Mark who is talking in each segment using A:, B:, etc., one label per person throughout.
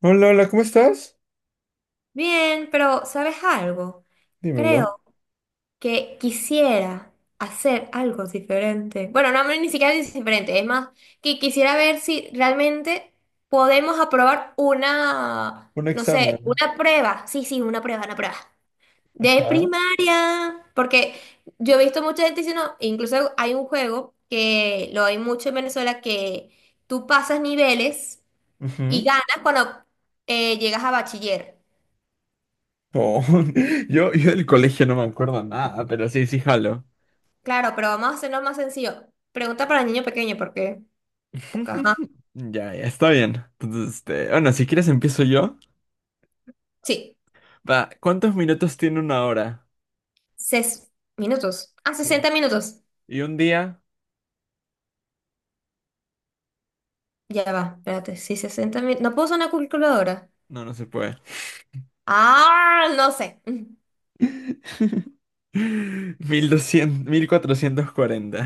A: Hola, hola, ¿cómo estás?
B: Bien, pero ¿sabes algo?
A: Dímelo.
B: Creo que quisiera hacer algo diferente. Bueno, no, ni siquiera es diferente, es más, que quisiera ver si realmente podemos aprobar una,
A: Un
B: no sé,
A: examen.
B: una prueba. Sí, sí, una prueba, una prueba. De
A: Ajá.
B: primaria, porque yo he visto mucha gente diciendo, incluso hay un juego que lo hay mucho en Venezuela, que tú pasas niveles y
A: Ujú.
B: ganas cuando llegas a bachiller.
A: Oh, yo del colegio no me acuerdo nada, pero sí, sí, jalo.
B: Claro, pero vamos a hacerlo más sencillo. Pregunta para el niño pequeño, porque, ajá.
A: Ya, ya, está bien. Entonces, este, bueno, si quieres empiezo yo.
B: Sí,
A: Va, ¿cuántos minutos tiene una hora?
B: 6 minutos. Ah,
A: Sí.
B: 60 minutos.
A: ¿Y un día?
B: Ya va, espérate. Sí, 60 minutos. ¿No puedo usar una calculadora?
A: No, no se puede.
B: Ah, no sé.
A: Mil mil doscientos mil cuatrocientos cuarenta.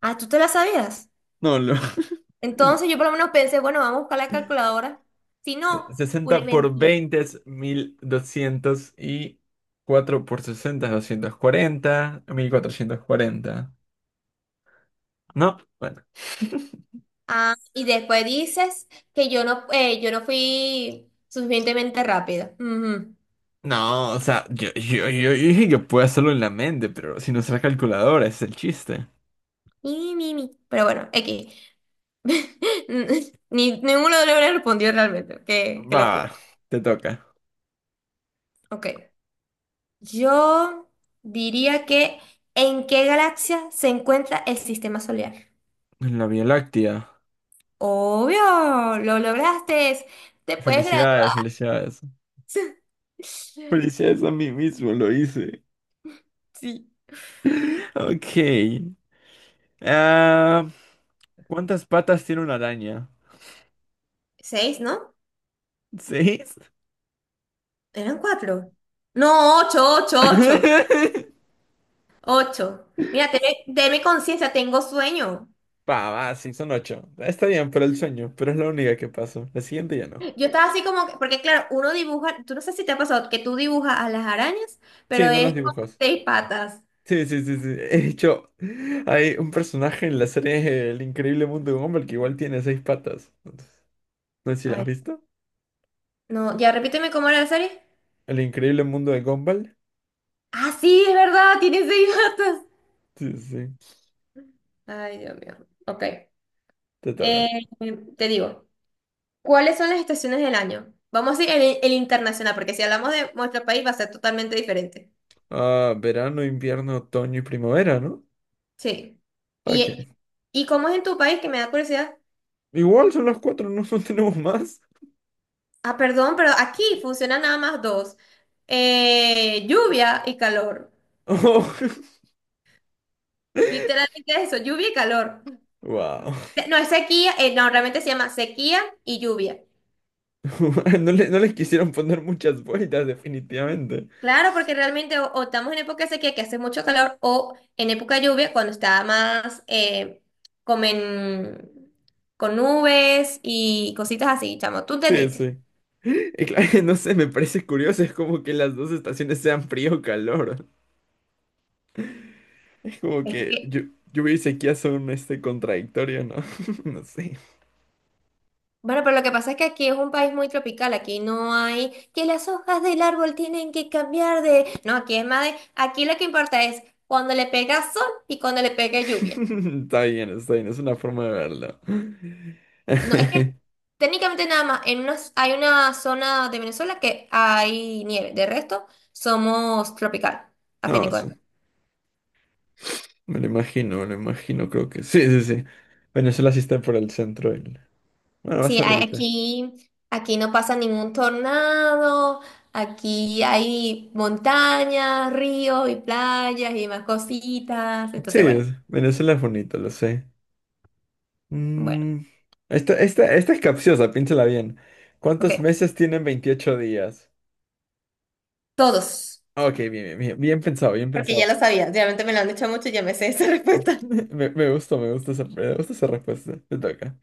B: Ah, ¿tú te la sabías?
A: No, lo.
B: Entonces yo por lo menos pensé, bueno, vamos a buscar la calculadora. Si no, hubiera
A: 60 por
B: mentido.
A: 20 es 1.200 y 4 por 60 es 240, 1.440. No, bueno.
B: Ah, y después dices que yo no fui suficientemente rápida. Ujú.
A: No, o sea, yo dije que puedo hacerlo en la mente, pero sin usar calculadora, ese es el chiste.
B: Y, mi. Pero bueno, X. Ni, ninguno de los dos respondió realmente. Qué
A: Va,
B: locura.
A: te toca.
B: Ok. Yo diría que ¿en qué galaxia se encuentra el sistema solar?
A: En la Vía Láctea.
B: Obvio, lo lograste. Te puedes
A: Felicidades,
B: graduar.
A: felicidades. Felicidades a mí mismo, lo hice.
B: Sí.
A: Ok. Ah, ¿cuántas patas tiene una araña?
B: Seis, ¿no?
A: ¿Seis?
B: Eran cuatro. No, ocho, ocho, ocho. Ocho. Mira, tenme conciencia, tengo sueño.
A: Va, va, sí, son ocho. Está bien, pero el sueño, pero es la única que pasó. La siguiente ya no.
B: Yo estaba así como, porque claro, uno dibuja, tú no sé si te ha pasado que tú dibujas a las arañas, pero
A: Sí, no
B: es
A: los
B: con
A: dibujos.
B: seis patas.
A: Sí, sí, sí, sí. He dicho, hay un personaje en la serie El Increíble Mundo de Gumball que igual tiene seis patas. Entonces, no sé si la
B: A
A: has visto.
B: no, ya repíteme cómo era la serie.
A: El Increíble Mundo de Gumball.
B: Ah, sí, es verdad, tiene seis patas.
A: Sí, sí, sí.
B: Ay, Dios mío. Ok.
A: Te toca.
B: Eh, te digo, ¿cuáles son las estaciones del año? Vamos a ir el internacional, porque si hablamos de nuestro país va a ser totalmente diferente.
A: Ah, verano, invierno, otoño y primavera, ¿no?
B: Sí. ¿Y,
A: Ok.
B: y cómo es en tu país? Que me da curiosidad.
A: Igual son las cuatro, no, no tenemos más.
B: Ah, perdón, pero aquí funcionan nada más dos. Lluvia y calor.
A: Oh.
B: Literalmente es eso, lluvia y calor.
A: Wow.
B: No, es sequía, no, realmente se llama sequía y lluvia.
A: No les quisieron poner muchas vueltas, definitivamente.
B: Claro, porque realmente o estamos en época de sequía que hace mucho calor o en época de lluvia cuando está más como con nubes y cositas así, chamo. ¿Tú
A: Sí,
B: entendiste?
A: sí. Y claro, no sé, me parece curioso, es como que las dos estaciones sean frío o calor. Es como
B: Es
A: que
B: que,
A: lluvia y sequía son este contradictorio, ¿no? No sé.
B: bueno, pero lo que pasa es que aquí es un país muy tropical, aquí no hay que las hojas del árbol tienen que cambiar de. No, aquí es más de. Aquí lo que importa es cuando le pega sol y cuando le pega lluvia.
A: Está bien, es una forma de verlo.
B: No, es que técnicamente nada más, en unas, hay una zona de Venezuela que hay nieve, de resto somos tropical, a fin de
A: No, sí,
B: cuentas.
A: me lo imagino, creo que sí, sí, sí. Venezuela sí está por el centro del. Bueno, más
B: Sí,
A: arribita.
B: aquí, no pasa ningún tornado, aquí hay montañas, ríos y playas y más cositas,
A: Sí,
B: entonces bueno,
A: Venezuela es bonito, lo sé.
B: bueno,
A: Mm, esta es capciosa, piénsala bien. ¿Cuántos
B: ok.
A: meses tienen 28 días?
B: Todos,
A: Ok, bien, bien, bien, bien pensado, bien
B: porque ya
A: pensado.
B: lo sabía, realmente me lo han dicho mucho y ya me sé esa respuesta.
A: Me gustó, me gusta esa respuesta. Te toca.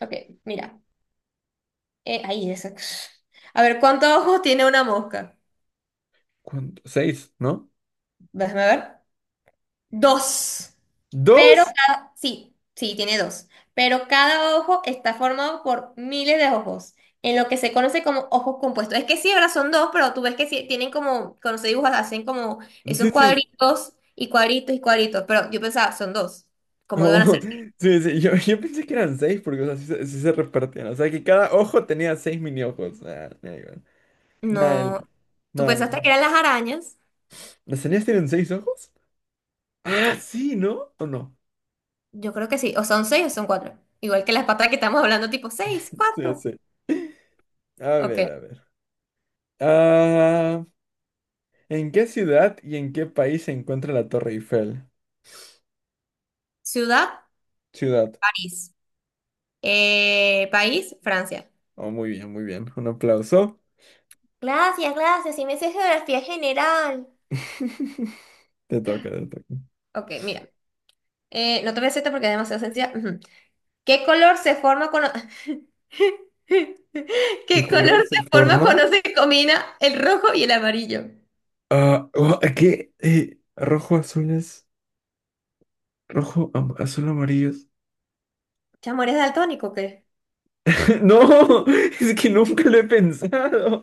B: Ok, mira, ahí eso. A ver, ¿cuántos ojos tiene una mosca?
A: ¿Cuánto? Seis, ¿no?
B: Déjame ver. Dos. Pero
A: ¿Dos?
B: cada, sí, sí, tiene dos. Pero cada ojo está formado por miles de ojos, en lo que se conoce como ojos compuestos. Es que sí, ahora son dos, pero tú ves que sí, tienen como, cuando se dibujan, hacen como esos
A: Sí, sí.
B: cuadritos y cuadritos y cuadritos. Pero yo pensaba, son dos. ¿Cómo iban a ser
A: Oh,
B: seis?
A: sí, sí. Yo pensé que eran seis porque, o sea, sí se repartían. O sea, que cada ojo tenía seis mini ojos. Ah, da igual. Mal,
B: No. ¿Tú pensaste que
A: mal.
B: eran las arañas?
A: ¿Las arañas tienen seis ojos? Ah, sí, ¿no? ¿O no?
B: Yo creo que sí. O son seis o son cuatro. Igual que las patas que estamos hablando, tipo seis,
A: Sí,
B: cuatro.
A: sí. A
B: Ok.
A: ver, a ver. Ah, ¿en qué ciudad y en qué país se encuentra la Torre Eiffel?
B: Ciudad,
A: Ciudad.
B: París. País, Francia.
A: Oh, muy bien, muy bien. Un aplauso.
B: Gracias, gracias. Si me sé geografía general.
A: Te toca, te toca.
B: Ok, mira. No te voy a hacer esta porque es demasiado sencilla. Ujú. ¿Qué color se forma cuando...
A: ¿Qué
B: ¿Qué
A: color
B: color
A: se
B: se forma
A: forma?
B: cuando se combina el rojo y el amarillo?
A: Ah, oh, ¿qué? Rojo, azules. Azul, amarillos.
B: Chamo, ¿eres daltónico o qué?
A: No, es que nunca lo he pensado.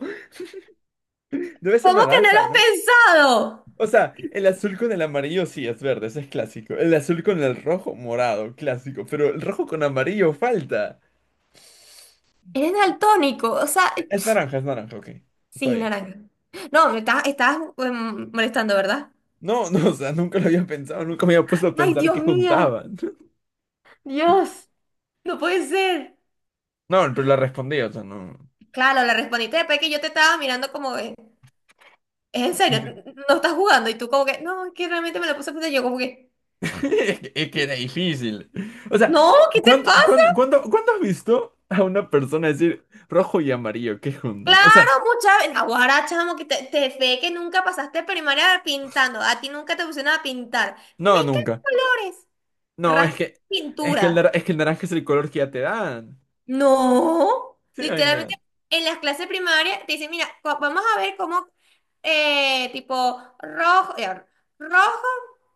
A: Debe ser
B: ¿Cómo que no lo
A: naranja,
B: has
A: ¿no?
B: pensado?
A: O sea, el azul con el amarillo sí es verde, ese es clásico. El azul con el rojo, morado, clásico. Pero el rojo con amarillo falta.
B: Eres daltónico, o sea,
A: Es naranja, ok. Está
B: sí,
A: bien.
B: naranja. No, me estás molestando, ¿verdad?
A: No, no, o sea, nunca lo había pensado, nunca me había puesto a
B: Ay,
A: pensar
B: Dios
A: que
B: mío.
A: juntaban.
B: Dios. No puede ser.
A: No, pero la respondí, o sea, no.
B: Claro, la respondiste después que yo te estaba mirando como, es en serio, no estás jugando. Y tú como que, no, es que realmente me la puse a pensar. Yo como que,
A: Es es que era difícil. O sea,
B: no, ¿qué te
A: ¿cuánto, cuánto,
B: pasa?
A: cuánto- cuándo has visto a una persona decir rojo y amarillo que juntan? O sea,
B: Claro, mucha. Ahora, chamo, que te ve que nunca pasaste primaria pintando. A ti nunca te pusieron a pintar.
A: no,
B: Mezcla
A: nunca.
B: colores,
A: No, es
B: raspa
A: que, es que el,
B: pintura.
A: nar- es que el naranja es el color que ya te dan.
B: No,
A: Sí, a mí me
B: literalmente
A: dan.
B: en las clases primarias te dicen, mira, vamos a ver cómo eh, tipo rojo, eh, rojo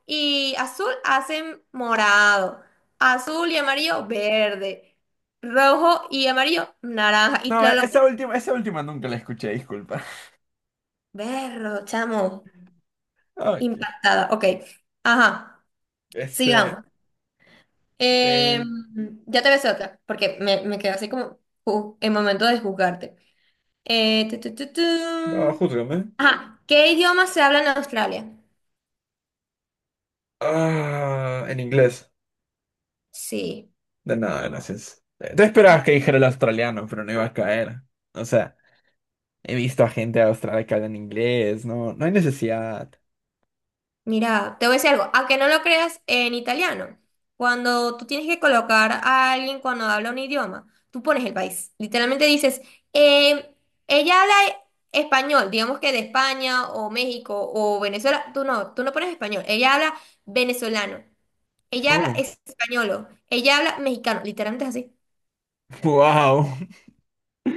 B: y azul hacen morado, azul y amarillo verde, rojo y amarillo naranja y
A: No,
B: claro,
A: esa última nunca la escuché, disculpa.
B: verro, chamo,
A: Ok.
B: impactada. Ok, ajá,
A: Este,
B: sigamos. Em,
A: eh,
B: ya te ves otra, porque me quedo así como en momento de juzgarte. Tu, tu, tu, tu.
A: no, júzgame.
B: Ajá, ¿qué idioma se habla en Australia?
A: Ah, en inglés.
B: Sí,
A: De nada, gracias. Te esperabas que dijera el australiano, pero no iba a caer. O sea, he visto a gente de Australia que habla en inglés, no, no hay necesidad.
B: mira, te voy a decir algo, aunque no lo creas en italiano, cuando tú tienes que colocar a alguien cuando habla un idioma, tú pones el país, literalmente dices, eh, ella habla español, digamos que de España o México o Venezuela, tú no pones español, ella habla venezolano, ella habla
A: Oh,
B: español, ella habla mexicano, literalmente es así.
A: wow.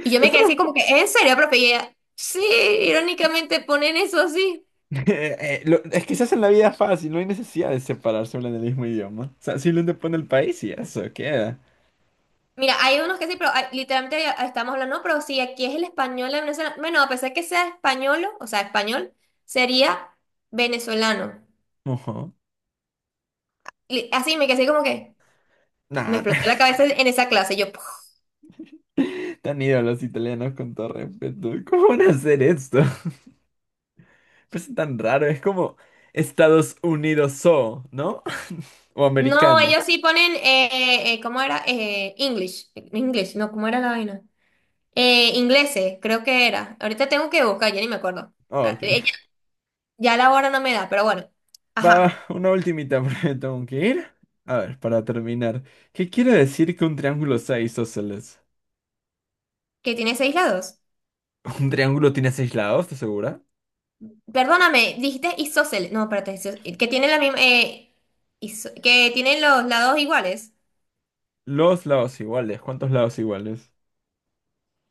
B: Y yo me
A: Esto
B: quedé así
A: no-
B: como que, ¿en serio, profe? Y ella, sí, irónicamente ponen eso así.
A: Es que se hace la vida fácil, no hay necesidad de separarse hablando el mismo idioma. O sea, simplemente pone el país y eso queda.
B: Mira, hay unos que sí, pero literalmente ya estamos hablando, no, pero si aquí es el español de Venezuela, bueno, a pesar que sea español, o sea, español, sería venezolano.
A: Ojo.
B: Así me quedé así como que, me
A: Nah,
B: explotó la cabeza en esa clase, yo, ¡puf!
A: tan ido los italianos con todo respeto. ¿Cómo van a hacer esto? Es tan raro, es como Estados Unidos o, ¿no? O
B: No,
A: americano.
B: ellos sí ponen, ¿cómo era? English, English, no, ¿cómo era la vaina? Ingleses, creo que era. Ahorita tengo que buscar, ya ni me acuerdo.
A: Oh,
B: Ah,
A: ok.
B: eh, Ya ya la hora no me da, pero bueno. Ajá.
A: Va, una ultimita porque me tengo que ir. A ver, para terminar. ¿Qué quiere decir que un triángulo sea isósceles?
B: Que tiene seis lados.
A: ¿Un triángulo tiene seis lados, estás segura?
B: Perdóname, dijiste isósceles. No, espérate, que tiene la misma. Que tienen los lados iguales.
A: Los lados iguales. ¿Cuántos lados iguales?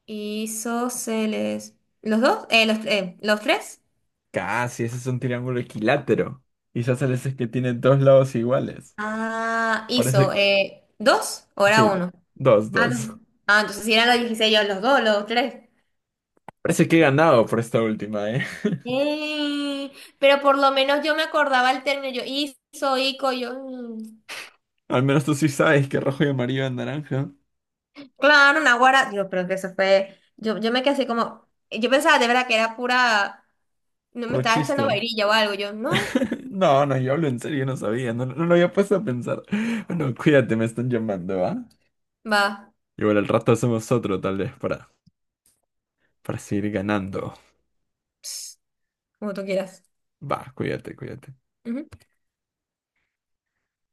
B: Isósceles. ¿Los dos? ¿Los tres?
A: Casi, ese es un triángulo equilátero. Isósceles es que tiene dos lados iguales.
B: Ah, iso.
A: Parece.
B: ¿Dos o era
A: Sí,
B: uno?
A: dos,
B: Ah,
A: dos.
B: no. Ah, entonces si eran los 16, yo los dos, los tres.
A: Parece que he ganado por esta última, ¿eh?
B: Eh, pero por lo menos yo me acordaba el término, yo hizo, ico, yo, mm,
A: Al menos tú sí sabes que rojo y amarillo es naranja.
B: claro, naguará, digo, pero que eso fue, yo me quedé así como, yo pensaba de verdad que era pura, no me
A: Puro
B: estaba echando
A: chiste.
B: vainilla o algo. Yo, no,
A: No, no, yo hablo en serio, yo no sabía, no, no lo había puesto a pensar. Bueno, cuídate, me están llamando, ¿va?
B: va,
A: Igual al rato hacemos otro, tal vez, para seguir ganando.
B: ps, como tú quieras.
A: Va, cuídate, cuídate.
B: Ujú.